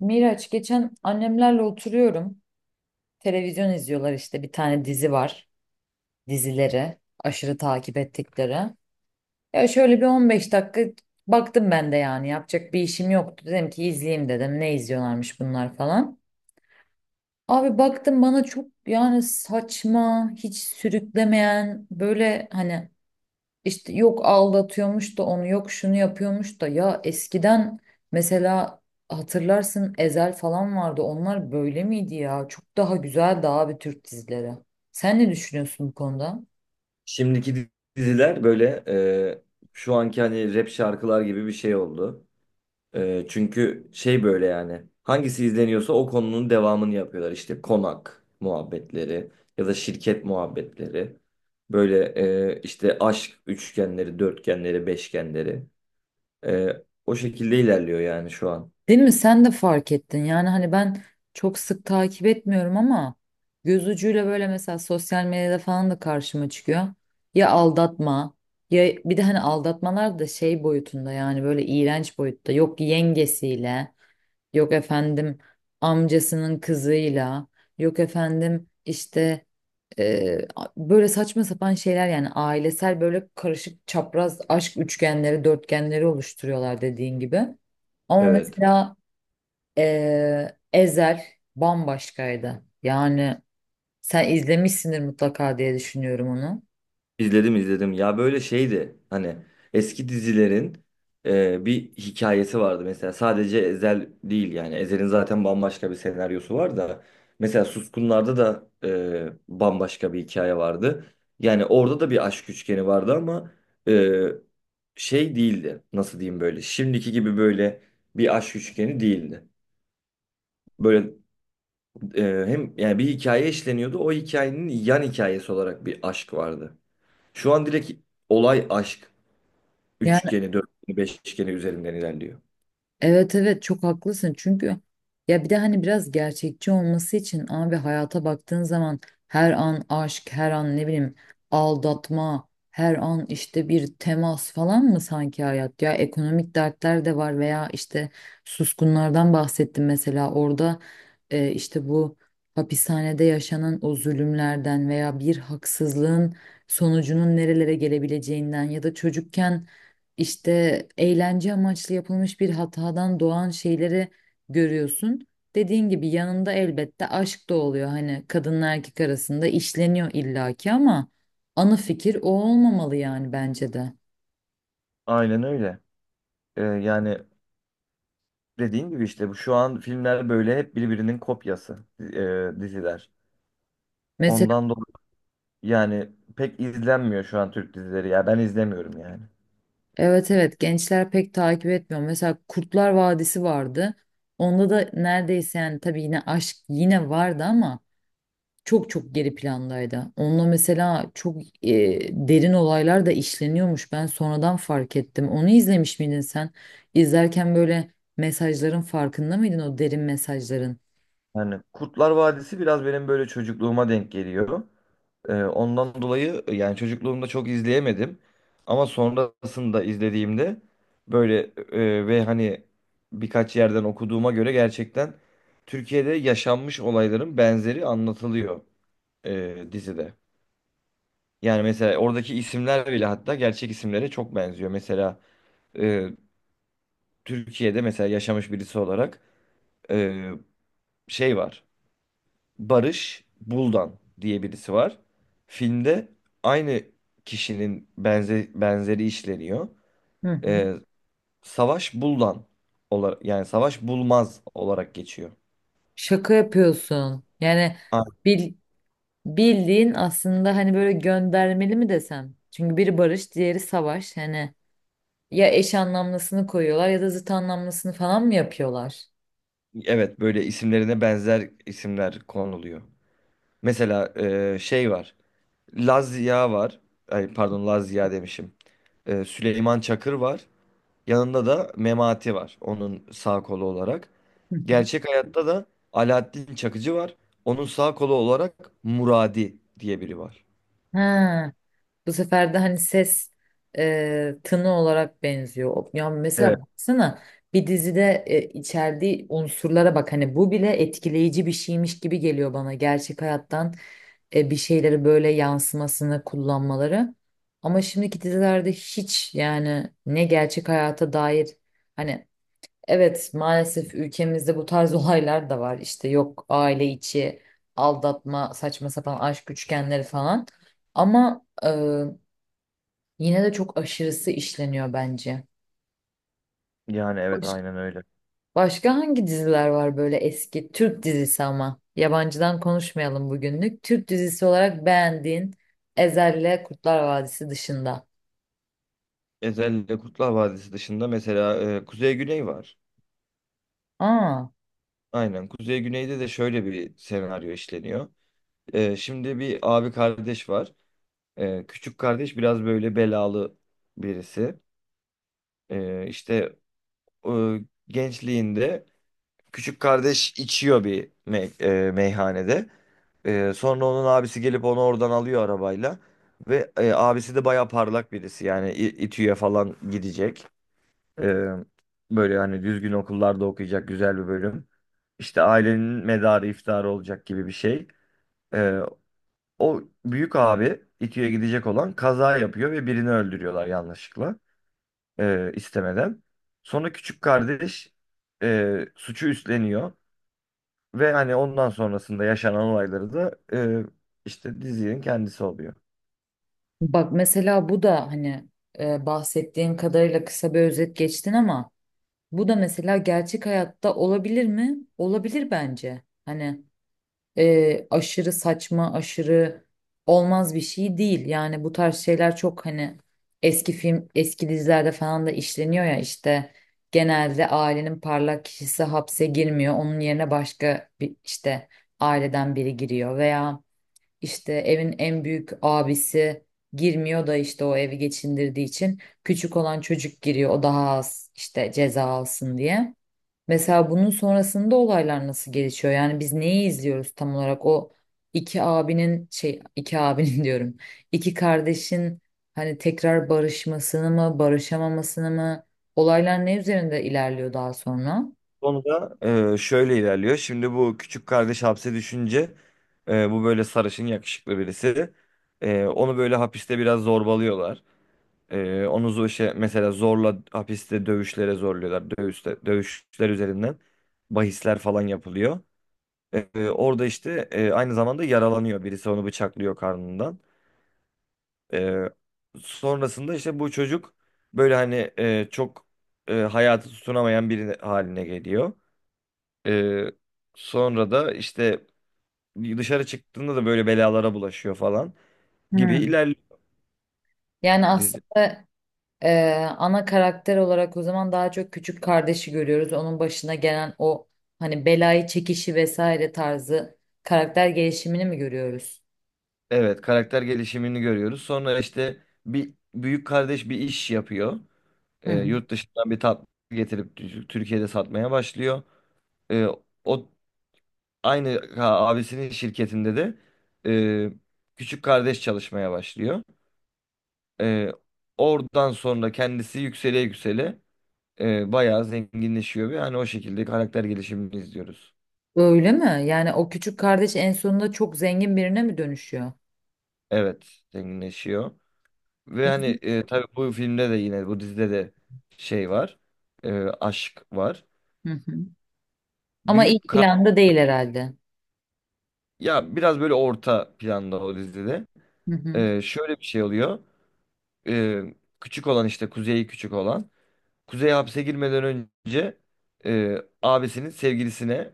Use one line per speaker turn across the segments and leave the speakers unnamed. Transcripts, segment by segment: Miraç, geçen annemlerle oturuyorum. Televizyon izliyorlar, işte bir tane dizi var. Dizileri aşırı takip ettikleri. Ya şöyle bir 15 dakika baktım ben de, yani yapacak bir işim yoktu. Dedim ki izleyeyim, dedim ne izliyorlarmış bunlar falan. Abi baktım, bana çok yani saçma, hiç sürüklemeyen, böyle hani İşte yok aldatıyormuş da onu, yok şunu yapıyormuş da, ya eskiden mesela hatırlarsın, Ezel falan vardı, onlar böyle miydi ya? Çok daha güzeldi abi Türk dizileri. Sen ne düşünüyorsun bu konuda?
Şimdiki diziler böyle şu anki hani rap şarkılar gibi bir şey oldu. Çünkü şey böyle yani hangisi izleniyorsa o konunun devamını yapıyorlar. İşte konak muhabbetleri ya da şirket muhabbetleri. Böyle işte aşk üçgenleri, dörtgenleri, beşgenleri. E, O şekilde ilerliyor yani şu an.
Değil mi, sen de fark ettin. Yani hani ben çok sık takip etmiyorum ama göz ucuyla böyle mesela sosyal medyada falan da karşıma çıkıyor. Ya aldatma, ya bir de hani aldatmalar da şey boyutunda, yani böyle iğrenç boyutta, yok yengesiyle, yok efendim amcasının kızıyla, yok efendim işte böyle saçma sapan şeyler, yani ailesel böyle karışık çapraz aşk üçgenleri, dörtgenleri oluşturuyorlar dediğin gibi. Ama
Evet.
mesela Ezel bambaşkaydı. Yani sen izlemişsindir mutlaka diye düşünüyorum onu.
İzledim izledim. Ya böyle şeydi hani eski dizilerin bir hikayesi vardı. Mesela sadece Ezel değil yani. Ezel'in zaten bambaşka bir senaryosu var da. Mesela Suskunlar'da da bambaşka bir hikaye vardı. Yani orada da bir aşk üçgeni vardı ama e, şey değildi. Nasıl diyeyim böyle. Şimdiki gibi böyle bir aşk üçgeni değildi. Böyle hem yani bir hikaye işleniyordu. O hikayenin yan hikayesi olarak bir aşk vardı. Şu an direkt olay aşk.
Yani
Üçgeni, dörtgeni, beşgeni üzerinden ilerliyor.
evet evet, çok haklısın. Çünkü ya bir de hani biraz gerçekçi olması için abi, hayata baktığın zaman her an aşk, her an ne bileyim aldatma, her an işte bir temas falan mı sanki hayat? Ya ekonomik dertler de var, veya işte suskunlardan bahsettim mesela, orada işte bu hapishanede yaşanan o zulümlerden veya bir haksızlığın sonucunun nerelere gelebileceğinden ya da çocukken işte eğlence amaçlı yapılmış bir hatadan doğan şeyleri görüyorsun. Dediğin gibi yanında elbette aşk da oluyor. Hani kadınla erkek arasında işleniyor illaki ama ana fikir o olmamalı yani bence de.
Aynen öyle. Yani dediğin gibi işte bu şu an filmler böyle hep birbirinin kopyası diziler.
Mesela
Ondan dolayı yani pek izlenmiyor şu an Türk dizileri ya ben izlemiyorum yani.
evet evet, gençler pek takip etmiyor. Mesela Kurtlar Vadisi vardı. Onda da neredeyse, yani tabii yine aşk yine vardı ama çok çok geri plandaydı. Onunla mesela çok derin olaylar da işleniyormuş. Ben sonradan fark ettim. Onu izlemiş miydin sen? İzlerken böyle mesajların farkında mıydın, o derin mesajların?
Yani Kurtlar Vadisi biraz benim böyle çocukluğuma denk geliyor. Ondan dolayı yani çocukluğumda çok izleyemedim. Ama sonrasında izlediğimde böyle ve hani birkaç yerden okuduğuma göre gerçekten Türkiye'de yaşanmış olayların benzeri anlatılıyor dizide. Yani mesela oradaki isimler bile hatta gerçek isimlere çok benziyor. Mesela e, Türkiye'de mesela yaşamış birisi olarak e, şey var. Barış Buldan diye birisi var. Filmde aynı kişinin benzeri işleniyor.
Hı hı.
Ee, Savaş Buldan olarak yani Savaş Bulmaz olarak geçiyor.
Şaka yapıyorsun. Yani
Aa,
bil- bildiğin aslında, hani böyle göndermeli mi desem? Çünkü biri barış, diğeri savaş. Hani ya eş anlamlısını koyuyorlar ya da zıt anlamlısını falan mı yapıyorlar?
evet böyle isimlerine benzer isimler konuluyor. Mesela şey var. Lazia var. Ay, pardon Lazia demişim. Süleyman Çakır var. Yanında da Memati var. Onun sağ kolu olarak.
Hı hı.
Gerçek hayatta da Alaaddin Çakıcı var. Onun sağ kolu olarak Muradi diye biri var.
Ha. Bu sefer de hani ses, tını olarak benziyor. Ya
Evet.
mesela baksana, bir dizide içerdiği unsurlara bak, hani bu bile etkileyici bir şeymiş gibi geliyor bana. Gerçek hayattan bir şeyleri böyle yansımasını kullanmaları. Ama şimdiki dizilerde hiç yani, ne gerçek hayata dair, hani evet, maalesef ülkemizde bu tarz olaylar da var. İşte yok, aile içi aldatma, saçma sapan aşk üçgenleri falan. Ama yine de çok aşırısı işleniyor bence.
Yani evet
Baş-
aynen öyle.
Başka hangi diziler var böyle, eski Türk dizisi, ama yabancıdan konuşmayalım bugünlük. Türk dizisi olarak beğendiğin, Ezel'le Kurtlar Vadisi dışında.
Özellikle Kurtlar Vadisi dışında mesela Kuzey Güney var.
Aa,
Aynen Kuzey Güney'de de şöyle bir senaryo işleniyor. E, şimdi bir abi kardeş var. E, küçük kardeş biraz böyle belalı birisi. E, işte e, gençliğinde küçük kardeş içiyor bir meyhanede. Sonra onun abisi gelip onu oradan alıyor arabayla. Ve abisi de baya parlak birisi. Yani İTÜ'ye falan gidecek. Ee, Böyle hani düzgün okullarda okuyacak güzel bir bölüm. İşte ailenin medarı iftiharı olacak gibi bir şey. Ee, O büyük abi İTÜ'ye gidecek olan kaza yapıyor ve birini öldürüyorlar yanlışlıkla. İstemeden. Sonra küçük kardeş suçu üstleniyor. Ve hani ondan sonrasında yaşanan olayları da işte dizinin kendisi oluyor.
bak mesela bu da hani bahsettiğin kadarıyla kısa bir özet geçtin ama bu da mesela gerçek hayatta olabilir mi? Olabilir bence. Hani aşırı saçma, aşırı olmaz bir şey değil. Yani bu tarz şeyler çok hani eski film, eski dizilerde falan da işleniyor ya, işte genelde ailenin parlak kişisi hapse girmiyor. Onun yerine başka bir, işte aileden biri giriyor, veya işte evin en büyük abisi girmiyor da işte o evi geçindirdiği için küçük olan çocuk giriyor, o daha az işte ceza alsın diye. Mesela bunun sonrasında olaylar nasıl gelişiyor? Yani biz neyi izliyoruz tam olarak? O iki abinin, şey, iki abinin diyorum. İki kardeşin hani tekrar barışmasını mı, barışamamasını mı? Olaylar ne üzerinde ilerliyor daha sonra?
Konu da şöyle ilerliyor. Şimdi bu küçük kardeş hapse düşünce bu böyle sarışın yakışıklı birisi. E, onu böyle hapiste biraz zorbalıyorlar. E, onu şey, mesela zorla hapiste dövüşlere zorluyorlar. Dövüşler üzerinden bahisler falan yapılıyor. E, orada işte aynı zamanda yaralanıyor. Birisi onu bıçaklıyor karnından. Ee, Sonrasında işte bu çocuk böyle hani çok hayatı tutunamayan biri haline geliyor. Ee, Sonra da işte dışarı çıktığında da böyle belalara bulaşıyor falan gibi
Hmm.
ilerliyor
Yani
biz.
aslında ana karakter olarak o zaman daha çok küçük kardeşi görüyoruz. Onun başına gelen o hani belayı çekişi vesaire tarzı, karakter gelişimini mi görüyoruz?
Evet, karakter gelişimini görüyoruz. Sonra işte bir büyük kardeş bir iş yapıyor. Yurt dışından bir tatlı getirip Türkiye'de satmaya başlıyor. Ee, O aynı ha, abisinin şirketinde de e, küçük kardeş çalışmaya başlıyor. Ee, Oradan sonra kendisi yüksele yüksele bayağı zenginleşiyor ve hani o şekilde karakter gelişimini izliyoruz.
Öyle mi? Yani o küçük kardeş en sonunda çok zengin birine mi dönüşüyor?
Evet, zenginleşiyor. Ve
Hı
hani
hı.
tabii bu filmde de yine bu dizide de şey var. E, aşk var.
Hı hı. Ama
Büyük
ilk
kar
planda değil herhalde.
ya biraz böyle orta planda o dizide.
Hı hı.
E, şöyle bir şey oluyor. E, küçük olan işte Kuzey küçük olan. Kuzey hapse girmeden önce e, abisinin sevgilisine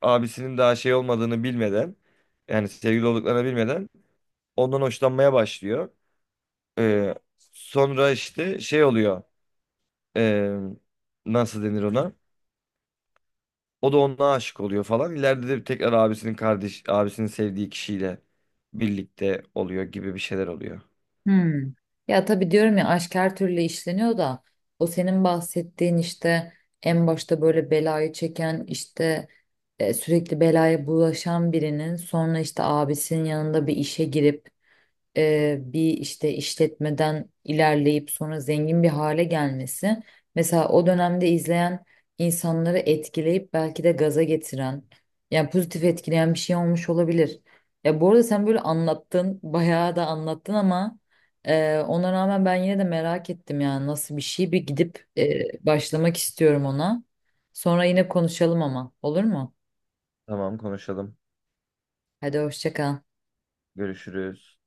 abisinin daha şey olmadığını bilmeden yani sevgili olduklarını bilmeden ondan hoşlanmaya başlıyor. Ee, Sonra işte şey oluyor ee, nasıl denir ona? O da ona aşık oluyor falan. İleride de tekrar abisinin kardeş abisinin sevdiği kişiyle birlikte oluyor gibi bir şeyler oluyor.
Hmm. Ya tabii diyorum ya, aşk her türlü işleniyor da o senin bahsettiğin, işte en başta böyle belayı çeken, işte sürekli belaya bulaşan birinin sonra işte abisinin yanında bir işe girip, bir işte işletmeden ilerleyip sonra zengin bir hale gelmesi, mesela o dönemde izleyen insanları etkileyip belki de gaza getiren, yani pozitif etkileyen bir şey olmuş olabilir. Ya bu arada sen böyle anlattın, bayağı da anlattın, ama ona rağmen ben yine de merak ettim. Yani nasıl bir şey, bir gidip başlamak istiyorum ona. Sonra yine konuşalım ama, olur mu?
Tamam konuşalım.
Hadi hoşça kal.
Görüşürüz.